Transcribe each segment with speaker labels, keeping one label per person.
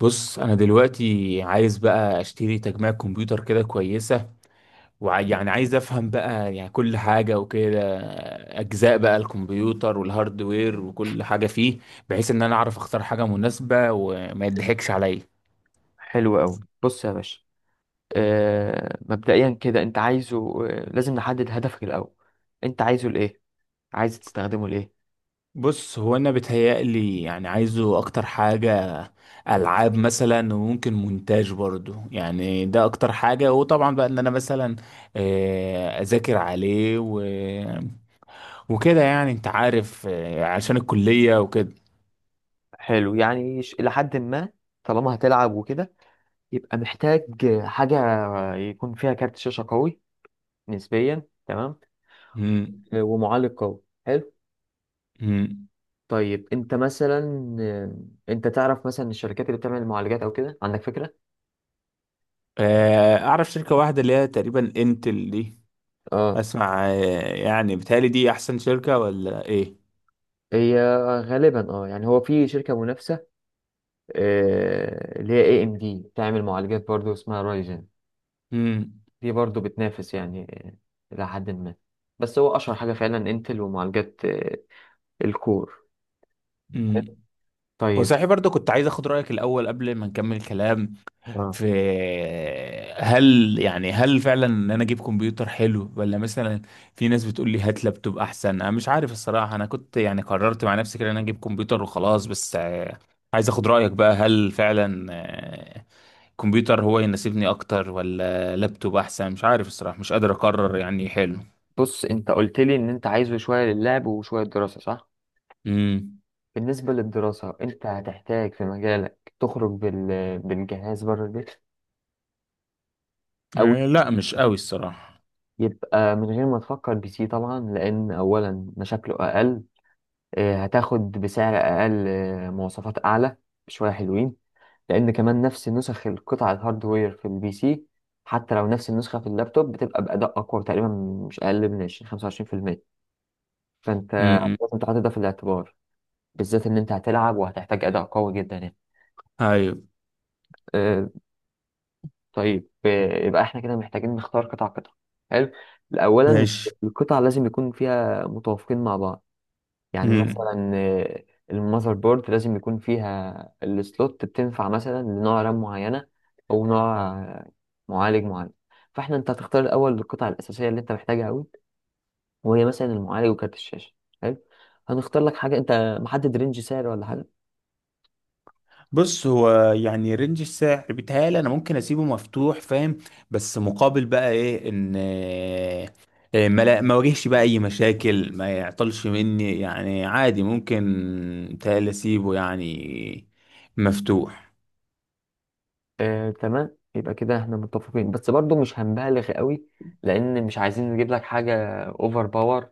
Speaker 1: بص، انا دلوقتي عايز بقى اشتري تجميع كمبيوتر كده كويسه. ويعني عايز افهم بقى يعني كل حاجه وكده، اجزاء بقى الكمبيوتر والهاردوير وكل حاجه فيه، بحيث ان انا اعرف اختار حاجه مناسبه وما يضحكش عليا.
Speaker 2: حلو قوي، بص يا باشا. مبدئيا كده، انت عايزه، لازم نحدد هدفك الاول. انت عايزه لايه؟ عايز تستخدمه لايه؟
Speaker 1: بص، هو انا بتهيألي يعني عايزه اكتر حاجه العاب مثلا، وممكن مونتاج برضو. يعني ده اكتر حاجه. وطبعا بقى ان انا مثلا اذاكر عليه وكده، يعني انت عارف، عشان الكلية وكده.
Speaker 2: حلو يعني، الى حد ما طالما هتلعب وكده، يبقى محتاج حاجه يكون فيها كارت شاشه قوي نسبيا. تمام.
Speaker 1: مم.
Speaker 2: ومعالج قوي. حلو.
Speaker 1: مم.
Speaker 2: طيب انت مثلا، انت تعرف مثلا الشركات اللي بتعمل المعالجات او كده؟ عندك فكره؟
Speaker 1: اعرف شركة واحدة اللي هي تقريبا انتل دي.
Speaker 2: اه.
Speaker 1: اسمع. يعني بتهيألي دي احسن شركة ولا ايه؟
Speaker 2: هي غالبا اه، يعني هو في شركه منافسه، اللي هي اي ام دي، بتعمل معالجات برضو اسمها رايزن.
Speaker 1: مم.
Speaker 2: دي برضو بتنافس يعني، إلى حد ما. بس هو أشهر حاجة فعلا انتل، ومعالجات الكور.
Speaker 1: مم.
Speaker 2: طيب.
Speaker 1: وصحيح برضه كنت عايز اخد رأيك الاول قبل ما نكمل الكلام
Speaker 2: اه،
Speaker 1: في هل يعني فعلا ان انا اجيب كمبيوتر حلو، ولا مثلا في ناس بتقول لي هات لابتوب احسن. انا مش عارف الصراحة، انا كنت يعني قررت مع نفسي كده ان انا اجيب كمبيوتر وخلاص. بس عايز اخد رأيك بقى، هل فعلا الكمبيوتر هو يناسبني اكتر ولا لابتوب احسن؟ مش عارف الصراحة، مش قادر اقرر يعني. حلو.
Speaker 2: بص انت قلت لي ان انت عايزه شوية للعب وشوية دراسة، صح؟
Speaker 1: امم.
Speaker 2: بالنسبة للدراسة، انت هتحتاج في مجالك تخرج بالجهاز بره البيت؟ او
Speaker 1: آه، لا مش قوي الصراحة.
Speaker 2: يبقى من غير ما تفكر بي سي طبعا، لان اولا مشاكله اقل، هتاخد بسعر اقل، مواصفات اعلى بشوية حلوين، لان كمان نفس نسخ القطع الهاردوير في البي سي، حتى لو نفس النسخه في اللابتوب، بتبقى باداء اقوى تقريبا، مش اقل من 20 25%. فانت
Speaker 1: امم.
Speaker 2: لازم تحط ده في الاعتبار، بالذات ان انت هتلعب وهتحتاج اداء قوي جدا يعني.
Speaker 1: ايوه.
Speaker 2: أه. طيب يبقى احنا كده محتاجين نختار قطع قطع. حلو. اولا،
Speaker 1: ماشي.
Speaker 2: القطع لازم يكون فيها متوافقين مع بعض، يعني
Speaker 1: امم.
Speaker 2: مثلا المذر بورد لازم يكون فيها السلوت بتنفع مثلا لنوع رام معينة، أو نوع معالج معين. فاحنا، انت هتختار الأول القطع الأساسية اللي انت محتاجها أوي، وهي مثلا المعالج وكارت الشاشة. حلو. هنختار لك حاجة، انت محدد رينج سعر ولا حاجة؟
Speaker 1: بص، هو يعني رينج السعر بيتهيألي انا ممكن اسيبه مفتوح، فاهم. بس مقابل بقى ايه؟ ان ما واجهش بقى اي مشاكل، ما يعطلش مني، يعني عادي ممكن. بيتهيألي اسيبه يعني مفتوح.
Speaker 2: تمام. يبقى كده احنا متفقين، بس برضو مش هنبالغ قوي، لأن مش عايزين نجيب لك حاجة أوفر باور،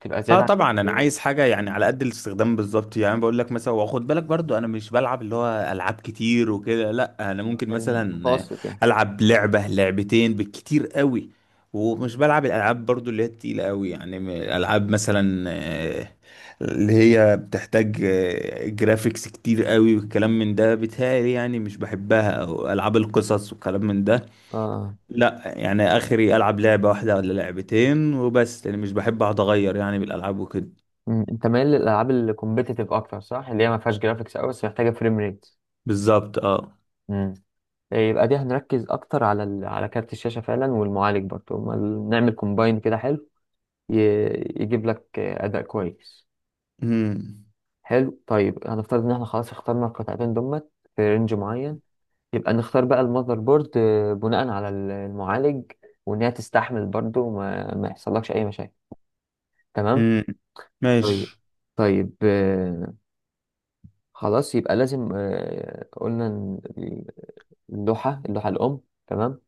Speaker 2: تبقى
Speaker 1: اه
Speaker 2: زيادة عن
Speaker 1: طبعا، انا عايز حاجه يعني على قد الاستخدام بالظبط. يعني بقول لك مثلا، واخد بالك برضو انا مش بلعب اللي هو العاب كتير وكده. لا، انا ممكن مثلا
Speaker 2: المتوسط يعني.
Speaker 1: العب لعبه لعبتين بالكتير قوي. ومش بلعب الالعاب برضو اللي هي التقيله قوي، يعني العاب مثلا، اللي هي بتحتاج جرافيكس كتير قوي والكلام من ده. بتهيألي يعني مش بحبها، او العاب القصص والكلام من ده.
Speaker 2: اه.
Speaker 1: لا يعني اخري العب لعبه واحده ولا لعبتين وبس. يعني مش بحب اقعد اغير يعني بالالعاب وكده.
Speaker 2: مم. انت مايل للالعاب الكومبيتيتيف اكتر صح؟ اللي هي ما فيهاش جرافيكس قوي بس محتاجه فريم ريت.
Speaker 1: بالظبط، اه.
Speaker 2: امم. يبقى دي هنركز اكتر على على كارت الشاشه فعلا، والمعالج برضه، هما نعمل كومباين كده. حلو. ي... يجيب لك اداء كويس.
Speaker 1: امم.
Speaker 2: حلو. طيب هنفترض ان احنا خلاص اخترنا القطعتين دول في رينج معين. يبقى نختار بقى المذر بورد بناء على المعالج، وان هي تستحمل برضه ما يحصلكش اي مشاكل. تمام.
Speaker 1: امم.
Speaker 2: طيب.
Speaker 1: ماشي.
Speaker 2: طيب آه، خلاص يبقى لازم، قلنا اللوحة الأم. تمام.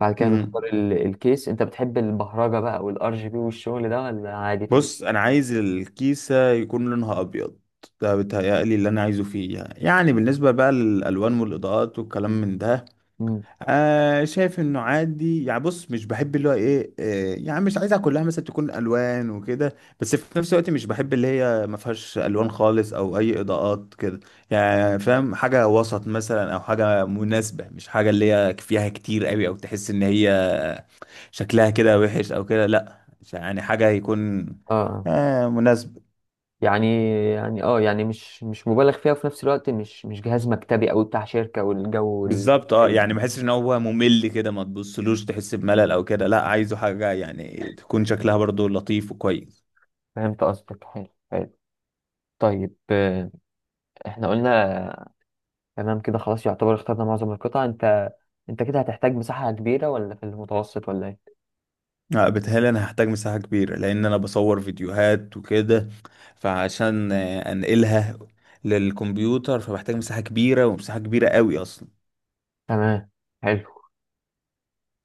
Speaker 2: بعد كده نختار
Speaker 1: امم.
Speaker 2: الكيس. أنت بتحب البهرجة بقى والار جي بي والشغل ده، ولا عادي في
Speaker 1: بص، انا عايز الكيسه يكون لونها ابيض. ده بيتهيألي اللي انا عايزه فيه. يعني بالنسبه بقى للالوان والاضاءات والكلام من ده،
Speaker 2: مم.
Speaker 1: شايف انه عادي. يعني بص مش بحب اللي هو ايه، يعني مش عايزها كلها مثلا تكون الوان وكده، بس في نفس الوقت مش بحب اللي هي ما فيهاش الوان خالص او اي اضاءات كده. يعني فاهم، حاجه وسط مثلا او حاجه مناسبه، مش حاجه اللي هي فيها كتير قوي او تحس ان هي شكلها كده وحش او كده. لا، يعني حاجه يكون
Speaker 2: اه
Speaker 1: مناسب.
Speaker 2: يعني، يعني مش مبالغ فيها، وفي نفس الوقت مش جهاز مكتبي أو بتاع شركة والجو
Speaker 1: بالظبط اه،
Speaker 2: الكئيب
Speaker 1: يعني
Speaker 2: ده.
Speaker 1: ما احسش ان هو ممل كده، ما تبصلوش تحس بملل او كده. لا، عايزه حاجه يعني تكون شكلها برضو لطيف وكويس.
Speaker 2: فهمت قصدك، حلو حلو. طيب احنا قلنا، تمام كده خلاص يعتبر اخترنا معظم القطع. أنت كده هتحتاج مساحة كبيرة ولا في المتوسط ولا إيه؟
Speaker 1: بتهيألي انا هحتاج مساحه كبيره لان انا بصور فيديوهات وكده، فعشان انقلها للكمبيوتر، فبحتاج مساحه كبيره، ومساحه كبيره قوي اصلا.
Speaker 2: تمام. حلو.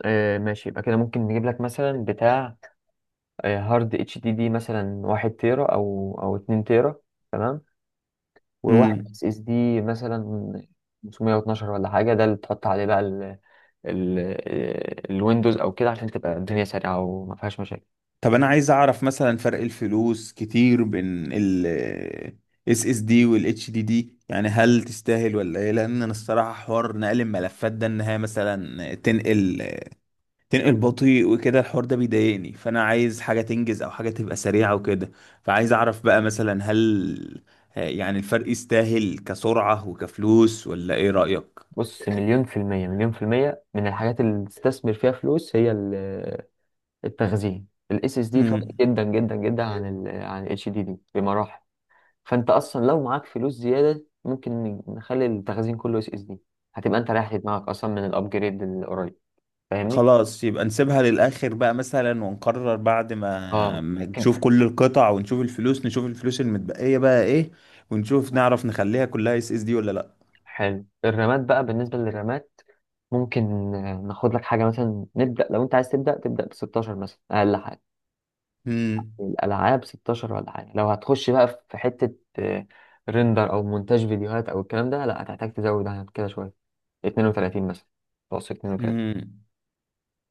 Speaker 2: آه ماشي. يبقى كده ممكن نجيب لك مثلا بتاع هارد اتش دي دي، مثلا واحد تيرا او اتنين تيرا. تمام. وواحد
Speaker 1: مم.
Speaker 2: اس اس دي مثلا 512 ولا حاجه، ده اللي تحط عليه بقى ال الويندوز او كده، عشان تبقى الدنيا سريعه وما فيهاش مشاكل.
Speaker 1: طب انا عايز اعرف مثلا فرق الفلوس كتير بين ال اس اس دي وال اتش دي دي، يعني هل تستاهل ولا ايه؟ لان انا الصراحه حوار نقل الملفات ده، انها مثلا تنقل بطيء وكده، الحوار ده بيضايقني، فانا عايز حاجه تنجز او حاجه تبقى سريعه وكده. فعايز اعرف بقى مثلا، هل يعني الفرق يستاهل كسرعه وكفلوس، ولا ايه رايك؟
Speaker 2: بص، مليون في المية مليون في المية من الحاجات اللي تستثمر فيها فلوس هي التخزين. الاس اس دي فرق
Speaker 1: امم.
Speaker 2: جدا جدا جدا عن ال عن اتش دي دي بمراحل. فانت اصلا لو معاك فلوس زياده، ممكن نخلي التخزين كله اس اس دي. هتبقى انت ريحت دماغك اصلا من الابجريد القريب. فاهمني؟
Speaker 1: خلاص، يبقى نسيبها للآخر بقى مثلا، ونقرر بعد ما
Speaker 2: اه
Speaker 1: ما
Speaker 2: ممكن.
Speaker 1: نشوف كل القطع ونشوف الفلوس، نشوف الفلوس المتبقية بقى ايه. ونشوف، نعرف نخليها كلها اس اس دي ولا لا.
Speaker 2: حلو. الرامات بقى، بالنسبه للرامات ممكن ناخد لك حاجه، مثلا نبدا، لو انت عايز تبدا ب 16 مثلا اقل حاجه.
Speaker 1: امم.
Speaker 2: الالعاب 16 ولا حاجه، لو هتخش بقى في حته ريندر او مونتاج فيديوهات او الكلام ده، لا هتحتاج تزود عن كده شويه، 32 مثلا، توصل 32.
Speaker 1: امم.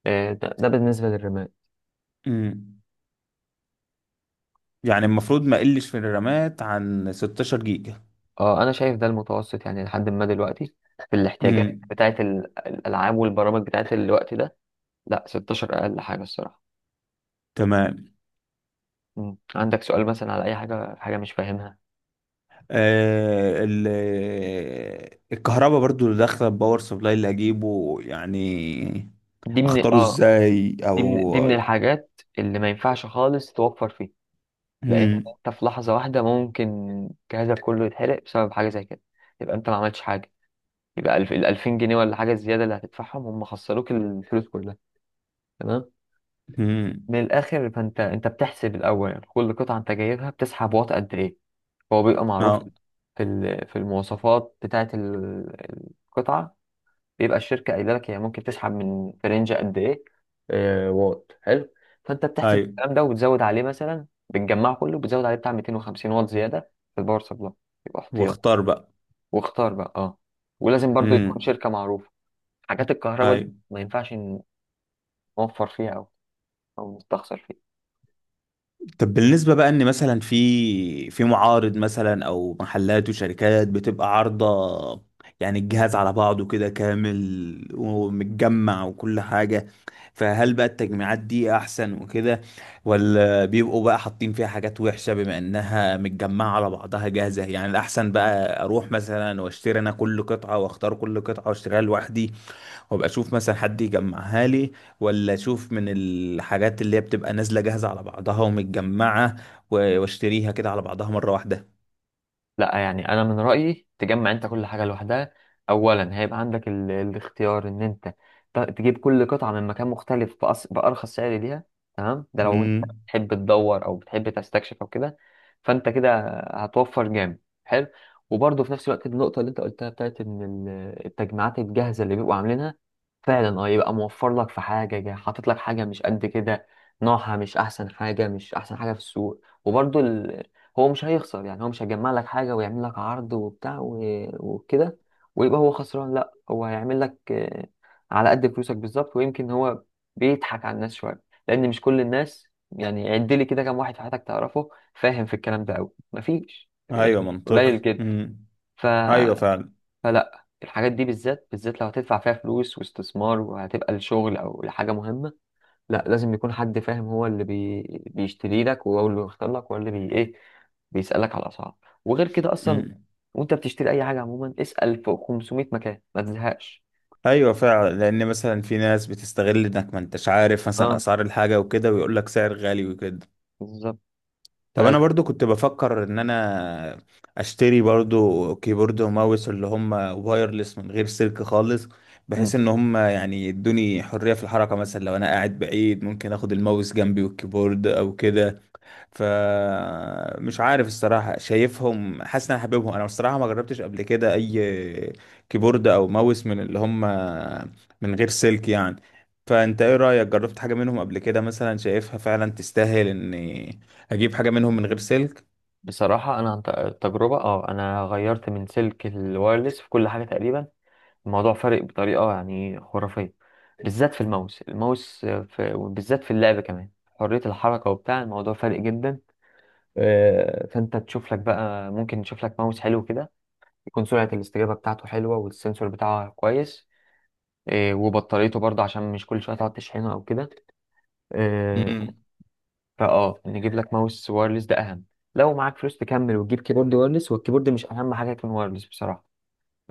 Speaker 2: ده بالنسبه للرامات.
Speaker 1: امم. يعني المفروض ما قلش في الرامات عن 16 جيجا.
Speaker 2: اه انا شايف ده المتوسط يعني لحد ما دلوقتي في الاحتياجات
Speaker 1: امم.
Speaker 2: بتاعت الالعاب والبرامج بتاعت الوقت ده. لا 16 اقل حاجه الصراحه.
Speaker 1: تمام.
Speaker 2: مم. عندك سؤال مثلا على اي حاجه، في حاجه مش فاهمها؟
Speaker 1: آه ال الكهرباء برضو اللي داخله الباور سبلاي اللي هجيبه، يعني
Speaker 2: دي من
Speaker 1: اختاره
Speaker 2: اه،
Speaker 1: ازاي،
Speaker 2: دي من
Speaker 1: او.
Speaker 2: دي من الحاجات اللي ما ينفعش خالص توفر فيه، لان
Speaker 1: امم.
Speaker 2: انت في لحظه واحده ممكن جهازك كله يتحرق بسبب حاجه زي كده، يبقى انت ما عملتش حاجه. يبقى ال 2000 جنيه ولا حاجه الزياده اللي هتدفعهم، هم خسروك الفلوس كلها. تمام.
Speaker 1: امم.
Speaker 2: من الاخر، فانت، انت بتحسب الاول كل قطعه انت جايبها بتسحب واط قد ايه. هو بيبقى معروف
Speaker 1: اه.
Speaker 2: في في المواصفات بتاعه القطعه، بيبقى الشركه قايله لك هي ممكن تسحب من فرنجة قد ايه، واط. حلو. فانت بتحسب
Speaker 1: ايوه.
Speaker 2: الكلام ده وبتزود عليه، مثلا بتجمعه كله بتزود عليه بتاع 250 واط زياده في الباور سبلاي، يبقى احتياط.
Speaker 1: واختار بقى.
Speaker 2: واختار بقى. اه. ولازم برضو تكون
Speaker 1: امم.
Speaker 2: شركه معروفه، حاجات الكهرباء دي
Speaker 1: ايوه.
Speaker 2: ما ينفعش نوفر فيها، او او نستخسر فيها.
Speaker 1: طب بالنسبه بقى ان مثلا في معارض مثلا او محلات وشركات بتبقى عارضه، يعني الجهاز على بعضه كده كامل ومتجمع وكل حاجه. فهل بقى التجميعات دي احسن وكده، ولا بيبقوا بقى حاطين فيها حاجات وحشه بما انها متجمعه على بعضها جاهزه؟ يعني الاحسن بقى اروح مثلا واشتري انا كل قطعه، واختار كل قطعه واشتريها لوحدي، وابقى اشوف مثلا حد يجمعها لي، ولا اشوف من الحاجات اللي هي بتبقى نازله جاهزه على بعضها ومتجمعه، واشتريها كده على بعضها مره واحده؟
Speaker 2: لا يعني، انا من رايي تجمع انت كل حاجه لوحدها. اولا هيبقى عندك الاختيار ان انت تجيب كل قطعه من مكان مختلف بارخص سعر ليها. تمام، ده لو انت
Speaker 1: امم.
Speaker 2: بتحب تدور او بتحب تستكشف او كده، فانت كده هتوفر جامد. حلو. وبرضه في نفس الوقت، النقطه اللي انت قلتها بتاعت ان التجميعات الجاهزه اللي بيبقوا عاملينها، فعلا اه يبقى موفر لك في حاجه، حاطط لك حاجه مش قد كده، نوعها مش احسن حاجه، مش احسن حاجه في السوق. وبرضه هو مش هيخسر، يعني هو مش هيجمع لك حاجة ويعمل لك عرض وبتاع وكده ويبقى هو خسران، لا، هو هيعمل لك على قد فلوسك بالظبط. ويمكن هو بيضحك على الناس شوية، لأن مش كل الناس، يعني عد لي كده كام واحد في حياتك تعرفه فاهم في الكلام ده أوي؟ مفيش،
Speaker 1: ايوه
Speaker 2: يعني قليل
Speaker 1: منطقي.
Speaker 2: جدا.
Speaker 1: امم.
Speaker 2: ف...
Speaker 1: ايوه فعلا.
Speaker 2: فلا الحاجات دي، بالذات بالذات لو هتدفع فيها فلوس واستثمار وهتبقى لشغل أو لحاجة مهمة، لا، لازم يكون حد فاهم هو اللي بيشتري لك، وهو اللي بيختار لك، وهو اللي ايه، بيسألك على الأسعار. وغير كده أصلا،
Speaker 1: امم.
Speaker 2: وأنت بتشتري أي حاجة عموما، اسأل في 500 مكان ما تزهقش.
Speaker 1: ايوه فعلا، لان مثلا في ناس بتستغل انك ما انتش عارف مثلا
Speaker 2: اه
Speaker 1: اسعار الحاجه وكده، ويقول لك سعر غالي وكده.
Speaker 2: بالظبط.
Speaker 1: طب انا
Speaker 2: فلا
Speaker 1: برضو كنت بفكر ان انا اشتري برضو كيبورد وماوس اللي هم وايرلس من غير سلك خالص،
Speaker 2: مم.
Speaker 1: بحيث ان هم يعني يدوني حرية في الحركة، مثلا لو انا قاعد بعيد ممكن اخد الماوس جنبي والكيبورد او كده. فمش عارف الصراحة، شايفهم حاسس ان انا حاببهم. انا الصراحة ما جربتش قبل كده اي كيبورد او ماوس من اللي هم من غير سلك يعني. فانت ايه رأيك؟ جربت حاجة منهم قبل كده مثلا، شايفها فعلا تستاهل ان هجيب حاجة منهم من غير سلك؟
Speaker 2: بصراحة أنا عن تجربة، اه، أنا غيرت من سلك الوايرلس في كل حاجة تقريبا. الموضوع فارق بطريقة يعني خرافية، بالذات في الماوس. وبالذات في اللعب كمان، حرية الحركة وبتاع، الموضوع فارق جدا. فانت تشوف لك بقى، ممكن تشوف لك ماوس حلو كده، يكون سرعة الاستجابة بتاعته حلوة والسنسور بتاعه كويس، وبطاريته برضه، عشان مش كل شوية تقعد تشحنه او كده. آه،
Speaker 1: امم.
Speaker 2: فاه نجيب لك ماوس وايرلس، ده اهم. لو معاك فلوس تكمل وتجيب كيبورد وايرلس، والكيبورد مش اهم حاجة يكون وايرلس بصراحة.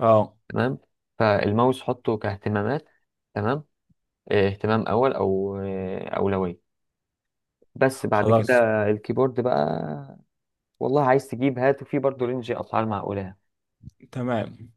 Speaker 1: اه.
Speaker 2: تمام. فالماوس حطه كاهتمامات، تمام، اهتمام اول، او اولوية، بس بعد كده
Speaker 1: خلاص.
Speaker 2: الكيبورد بقى. والله عايز تجيب هاته، فيه برضه رينج اسعار معقولة.
Speaker 1: تمام.